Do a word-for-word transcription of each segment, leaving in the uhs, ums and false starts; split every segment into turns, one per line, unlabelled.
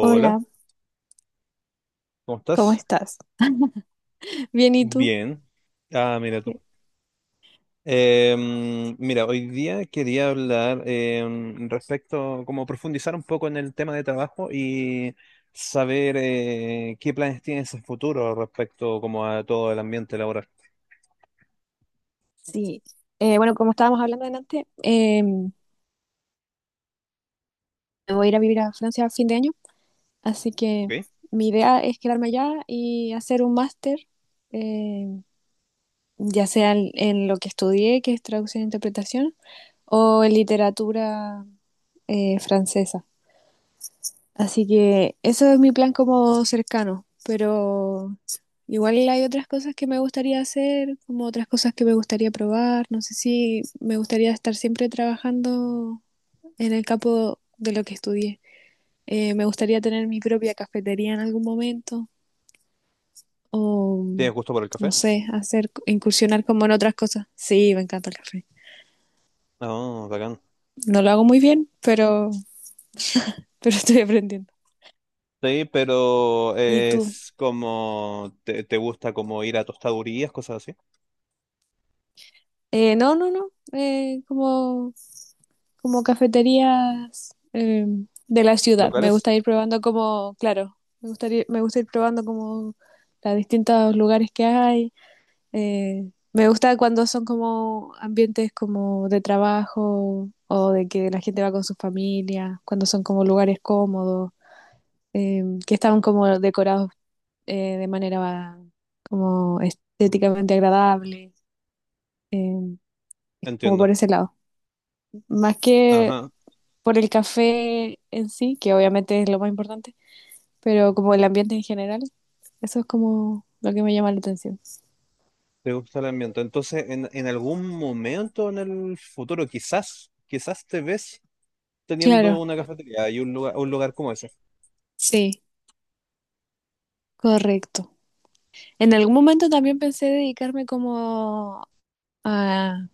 Hola,
¿cómo
¿cómo
estás?
estás? Bien, ¿y tú?
Bien. Ah, mira tú.
¿Qué?
Em, mira, hoy día quería hablar em, respecto, como profundizar un poco en el tema de trabajo y saber eh, qué planes tienes en futuro respecto como a todo el ambiente laboral.
Sí, eh, bueno, como estábamos hablando delante, eh, me voy a ir a vivir a Francia a fin de año, así que
Ok.
mi idea es quedarme allá y hacer un máster, eh, ya sea en, en lo que estudié, que es traducción e interpretación, o en literatura eh, francesa. Así que eso es mi plan como cercano, pero igual hay otras cosas que me gustaría hacer, como otras cosas que me gustaría probar. No sé si me gustaría estar siempre trabajando en el campo de lo que estudié. Eh, me gustaría tener mi propia cafetería en algún momento o,
¿Tienes gusto por el
no
café?
sé, hacer, incursionar como en otras cosas. Sí, me encanta el café.
No, bacán.
No lo hago muy bien, pero, pero estoy aprendiendo.
Sí, pero
¿Y tú?
es como, te, te gusta como ir a tostadurías, cosas así?
Eh, no, no, no. Eh, como, como cafeterías eh, de la ciudad. Me
¿Locales?
gusta ir probando como, claro, me gustaría, me gusta ir probando como los distintos lugares que hay. Eh, me gusta cuando son como ambientes como de trabajo o de que la gente va con su familia, cuando son como lugares cómodos, eh, que están como decorados eh, de manera como estéticamente agradable, eh, como por
Entiendo.
ese lado. Más que
Ajá.
por el café en sí, que obviamente es lo más importante, pero como el ambiente en general, eso es como lo que me llama la atención.
Te gusta el ambiente. Entonces, en, en algún momento en el futuro, quizás, quizás te ves teniendo
Claro,
una cafetería y un lugar, un lugar como ese,
sí, correcto. En algún momento también pensé dedicarme como a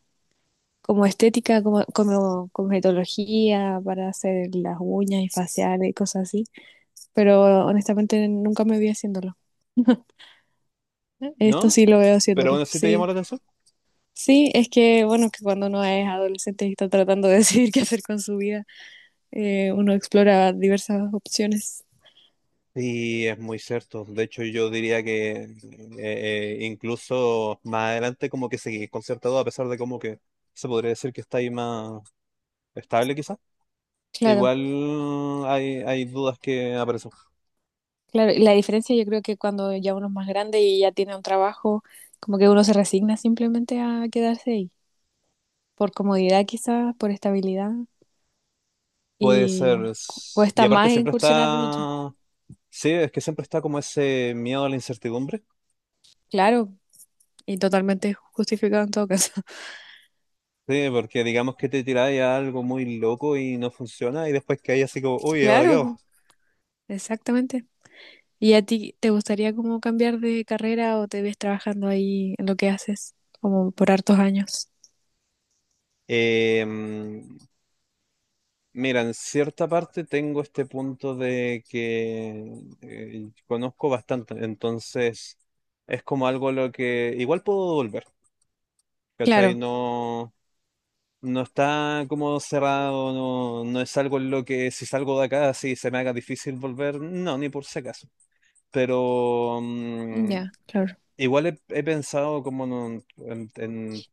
como estética, como, como cosmetología para hacer las uñas y faciales y cosas así, pero honestamente nunca me vi haciéndolo. Esto
¿no?
sí lo veo
Pero
haciéndolo,
aún así te llama
sí.
la atención.
Sí, es que bueno, que cuando uno es adolescente y está tratando de decidir qué hacer con su vida, eh, uno explora diversas opciones.
Sí, es muy cierto. De hecho, yo diría que eh, eh, incluso más adelante como que seguís concertado, a pesar de como que se podría decir que está ahí más estable quizás.
Claro,
Igual hay, hay dudas que aparecen.
claro. Y la diferencia yo creo que cuando ya uno es más grande y ya tiene un trabajo, como que uno se resigna simplemente a quedarse ahí, por comodidad quizás, por estabilidad,
Puede ser.
y cu-
s- Y
cuesta
aparte
más
siempre
incursionar en otra.
está. Sí, es que siempre está como ese miedo a la incertidumbre.
Claro, y totalmente justificado en todo caso.
Sí, porque digamos que te tiráis a algo muy loco y no funciona y después que hay así como, uy, ¿ahora qué hago?
Claro, exactamente. ¿Y a ti te gustaría como cambiar de carrera o te ves trabajando ahí en lo que haces como por hartos años?
Eh, mm, Mira, en cierta parte tengo este punto de que eh, conozco bastante, entonces es como algo a lo que igual puedo volver, ¿cachai?
Claro,
No, no está como cerrado, no, no es algo en lo que si salgo de acá, si se me haga difícil volver, no, ni por si acaso. Pero mm,
ya, claro.
igual he, he pensado como en, un- en- en-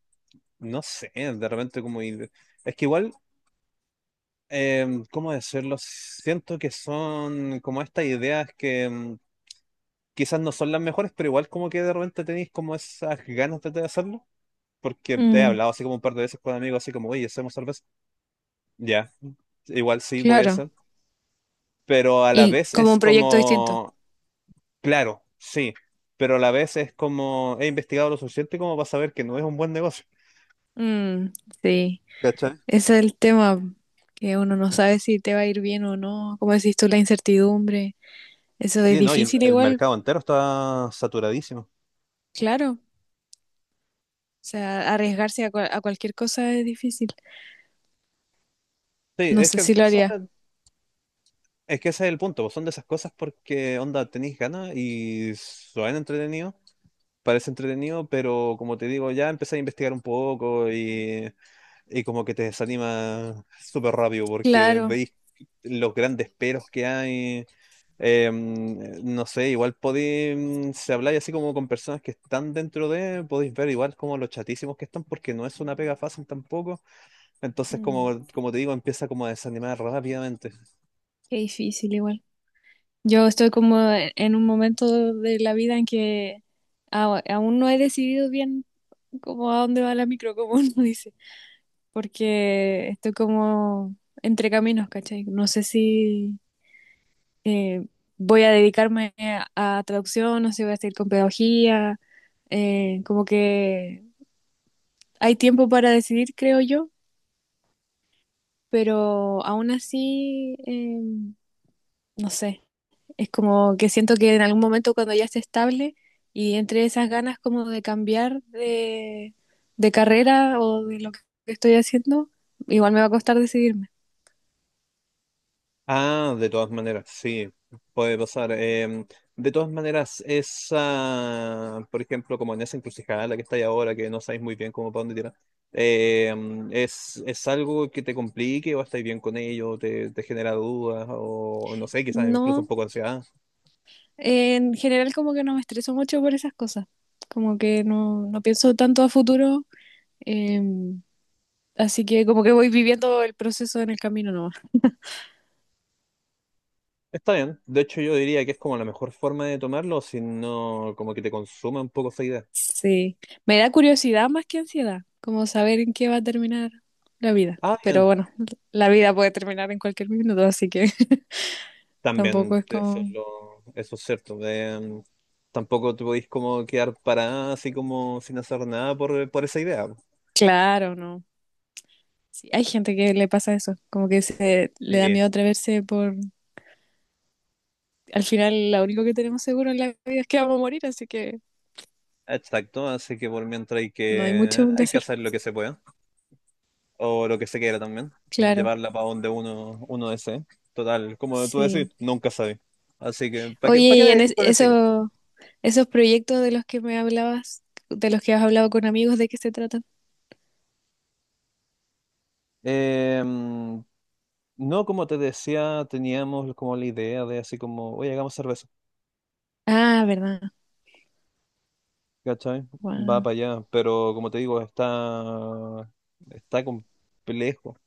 no sé, de repente como. ir- Es que igual, eh, ¿cómo decirlo? Siento que son como estas ideas que mm, quizás no son las mejores, pero igual como que de repente tenéis como esas ganas de, de hacerlo. Porque te he
Mm,
hablado así como un par de veces con amigos, así como, oye, hacemos cerveza. Ya, igual sí puede
claro.
ser. Pero a la
Y
vez
como
es
un proyecto distinto.
como. Claro, sí, pero a la vez es como he investigado lo suficiente como para saber que no es un buen negocio.
Mm, sí,
¿Cachai?
ese es el tema que uno no sabe si te va a ir bien o no, como decís tú, la incertidumbre. Eso es
Sí, no, y el,
difícil
el
igual,
mercado entero está saturadísimo.
claro. O sea, arriesgarse a, cual- a cualquier cosa es difícil.
Sí,
No
es
sé
que
si lo haría.
son- es que ese es el punto, pues, son de esas cosas porque onda tenéis ganas y suena entretenido, parece entretenido, pero como te digo, ya empecé a investigar un poco y, y como que te desanima súper rápido porque
Claro.
veis los grandes peros que hay. Eh, no sé, igual podéis, si habláis así como con personas que están dentro de, podéis ver igual como los chatísimos que están porque no es una pega fácil tampoco. Entonces,
Mm,
como, como te digo, empieza como a desanimar rápidamente.
qué difícil igual. Yo estoy como e-, en un momento de la vida en que a- aún no he decidido bien como a dónde va la micro, como uno dice, porque estoy como entre caminos, ¿cachai? No sé si eh, voy a dedicarme a, a traducción, no sé si voy a seguir con pedagogía, eh, como que hay tiempo para decidir, creo yo, pero aún así, eh, no sé. Es como que siento que en algún momento cuando ya esté estable y entre esas ganas como de cambiar de, de carrera o de lo que estoy haciendo, igual me va a costar decidirme.
Ah, de todas maneras, sí, puede pasar. Em, de todas maneras, esa, por ejemplo, como en esa encrucijada la que está estáis ahora, que no sabéis muy bien cómo para dónde tirar, em, ¿es, es algo que te complique o estáis bien con ello? ¿Te, te genera dudas o no sé, quizás incluso un
No,
poco de ansiedad?
en general como que no me estreso mucho por esas cosas, como que no, no pienso tanto a futuro, eh, así que como que voy viviendo el proceso en el camino nomás.
Está bien, de hecho yo diría que es como la mejor forma de tomarlo, si no como que te consuma un poco esa idea.
Sí, me da curiosidad más que ansiedad, como saber en qué va a terminar la vida.
Ah,
Pero
bien.
bueno, la vida puede terminar en cualquier minuto, así que... Tampoco
También
es
eso es,
como,
lo- eso es cierto. De, mm, tampoco te podéis como quedar parada así como sin hacer nada por, por esa idea.
claro, no. Sí, hay gente que le pasa eso, como que se le da
Sí,
miedo atreverse por, al final lo único que tenemos seguro en la vida es que vamos a morir, así que
exacto. Así que por mientras hay
no hay
que,
mucho que
hay que
hacer.
hacer lo que se pueda o lo que se quiera también.
Claro,
Llevarla para donde uno, uno desee. Total, como tú
sí.
decís, nunca sabes. Así que, ¿para qué,
Oye,
para
y
qué
en es-
con esa idea?
eso, esos proyectos de los que me hablabas, de los que has hablado con amigos, ¿de qué se tratan?
Eh, mm, no, como te decía, teníamos como la idea de así como, oye, hagamos cerveza.
Ah, verdad.
¿Cachai? Va
Guau.
para allá, pero como te digo, está, está complejo,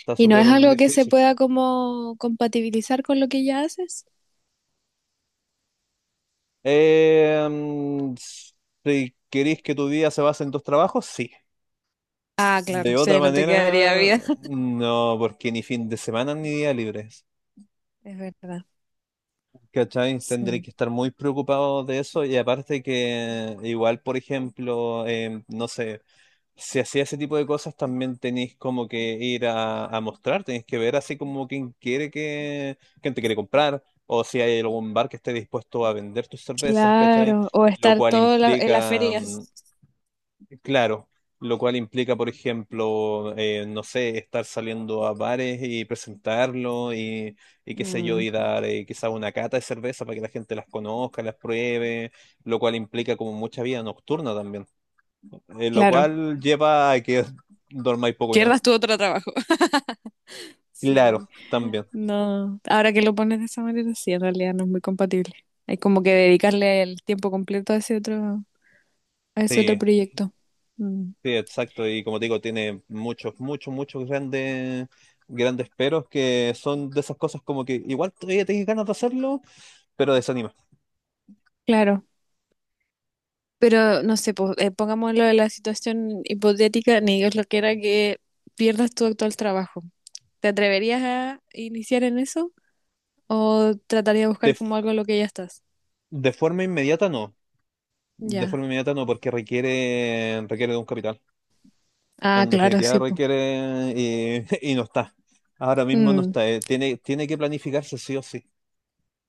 está
¿Y no
súper
es algo que se
difícil.
pueda como compatibilizar con lo que ya haces?
Eh, mm, si queréis que tu día se base en tus trabajos, sí.
Ah, claro,
De otra
sí, no te quedaría
manera,
vida.
no, porque ni fin de semana ni día libres.
Es verdad,
¿Cachai? Tendréis
sí.
que estar muy preocupado de eso y aparte que igual, por ejemplo, eh, no sé. Si hacía ese tipo de cosas, también tenéis como que ir a, a mostrar, tenéis que ver así como quién quiere que, quién te quiere comprar, o si hay algún bar que esté dispuesto a vender tus cervezas, ¿cachai?
Claro, o
Lo
estar
cual
todo la- en las
implica,
ferias.
mm, claro, lo cual implica, por ejemplo, eh, no sé, estar saliendo a bares y presentarlo y, y qué sé yo,
Mm,
y dar eh, quizá una cata de cerveza para que la gente las conozca, las pruebe, lo cual implica como mucha vida nocturna también eh, lo
claro,
cual lleva a que dormáis poco y nada.
pierdas tu otro trabajo.
Claro,
Sí,
también.
no, ahora que lo pones de esa manera, sí, en realidad no es muy compatible. Hay como que dedicarle el tiempo completo a ese otro, a ese otro
Sí,
proyecto. Mm,
sí, exacto. Y como te digo, tiene muchos, muchos, muchos grandes, grandes peros que son de esas cosas como que igual todavía tenés ganas de hacerlo, pero desanima.
claro, pero no sé, po- eh, pongámoslo en la situación hipotética, ni Dios lo quiera que pierdas tu actual trabajo. ¿Te atreverías a iniciar en eso o tratarías de
De,
buscar como
f-
algo en lo que ya estás?
de forma inmediata no. De
Ya.
forma inmediata no, porque requiere, requiere de un capital.
Ah,
En
claro,
definitiva
sí, pues.
requiere y, y no está. Ahora mismo no
Mm,
está. eh, Tiene, tiene que planificarse sí o sí.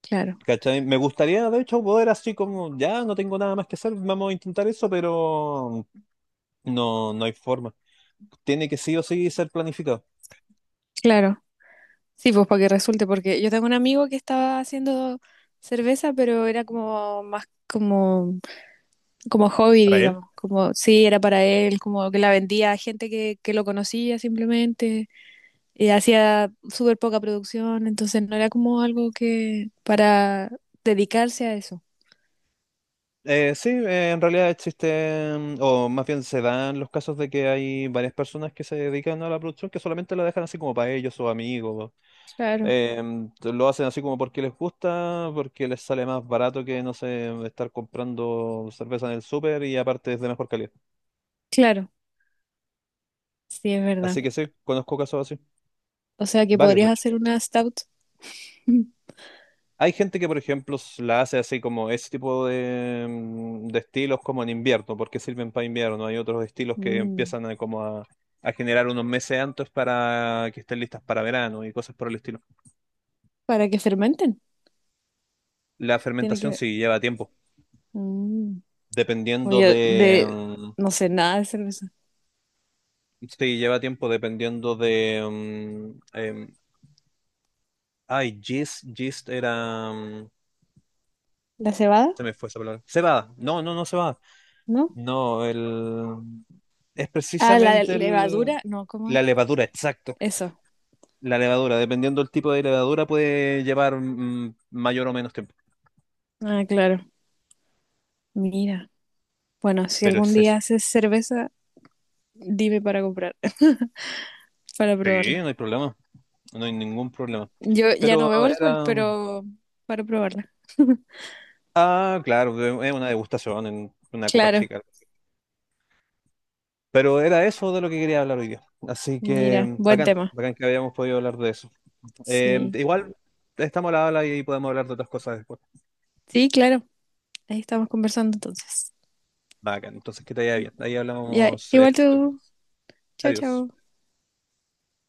claro,
¿Cachai? Me gustaría, de hecho, poder así como, ya no tengo nada más que hacer, vamos a intentar eso, pero no, no hay forma. Tiene que sí o sí ser planificado.
claro. Sí, pues para que resulte, porque yo tengo un amigo que estaba haciendo cerveza, pero era como más como, como hobby,
¿Para él?
digamos. Como, sí, era para él, como que la vendía a gente que, que lo conocía simplemente. Y hacía súper poca producción, entonces no era como algo que para dedicarse a eso.
Eh, sí, eh, en realidad existen, o más bien se dan los casos de que hay varias personas que se dedican a la producción que solamente la dejan así como para ellos o amigos.
Claro,
Em, lo hacen así como porque les gusta, porque les sale más barato que, no sé, estar comprando cerveza en el súper y aparte es de mejor calidad.
claro, sí, es verdad.
Así que sí, conozco casos así,
O sea que
varios de
podrías
hecho.
hacer una stout.
Hay gente que, por ejemplo, s- la hace así como ese tipo de, mm, de estilos como en invierno, porque sirven para invierno. Hay otros estilos que
Mm,
empiezan a, como a, a generar unos meses antes para que estén listas para verano y cosas por el estilo.
para que fermenten.
La
Tiene
fermentación
que
sí lleva tiempo,
ver.
dependiendo de.
Oye, de,
mm,
no sé nada de cerveza.
Sí, lleva tiempo dependiendo de. Mm, em, ay, gist, gist era. Mm,
¿La cebada?
se me fue esa palabra. Cebada. No, no, no cebada.
¿No?
No, el. Es
Ah, la
precisamente el.
levadura, no, ¿cómo es?
La levadura, exacto.
Eso.
La levadura, dependiendo del tipo de levadura, puede llevar mm, mayor o menos tiempo.
Ah, claro. Mira. Bueno, si
Pero
algún
es eso.
día haces cerveza, dime para comprar, para
Sí,
probarla.
no hay problema. No hay ningún problema.
Yo ya no
Pero
bebo alcohol,
era.
pero para probarla.
Ah, claro, es una degustación en una copa
Claro.
chica. Pero era eso de lo que quería hablar hoy día. Así que
Mira,
mm,
buen
bacán,
tema.
bacán que habíamos podido hablar de eso. Eh,
Sí.
igual estamos a la habla y podemos hablar de otras cosas después.
Sí, claro. Ahí estamos conversando entonces.
Bacán, entonces que te vaya bien. Ahí
Ya,
hablamos. eh,
igual tú. Chao,
Adiós.
chao.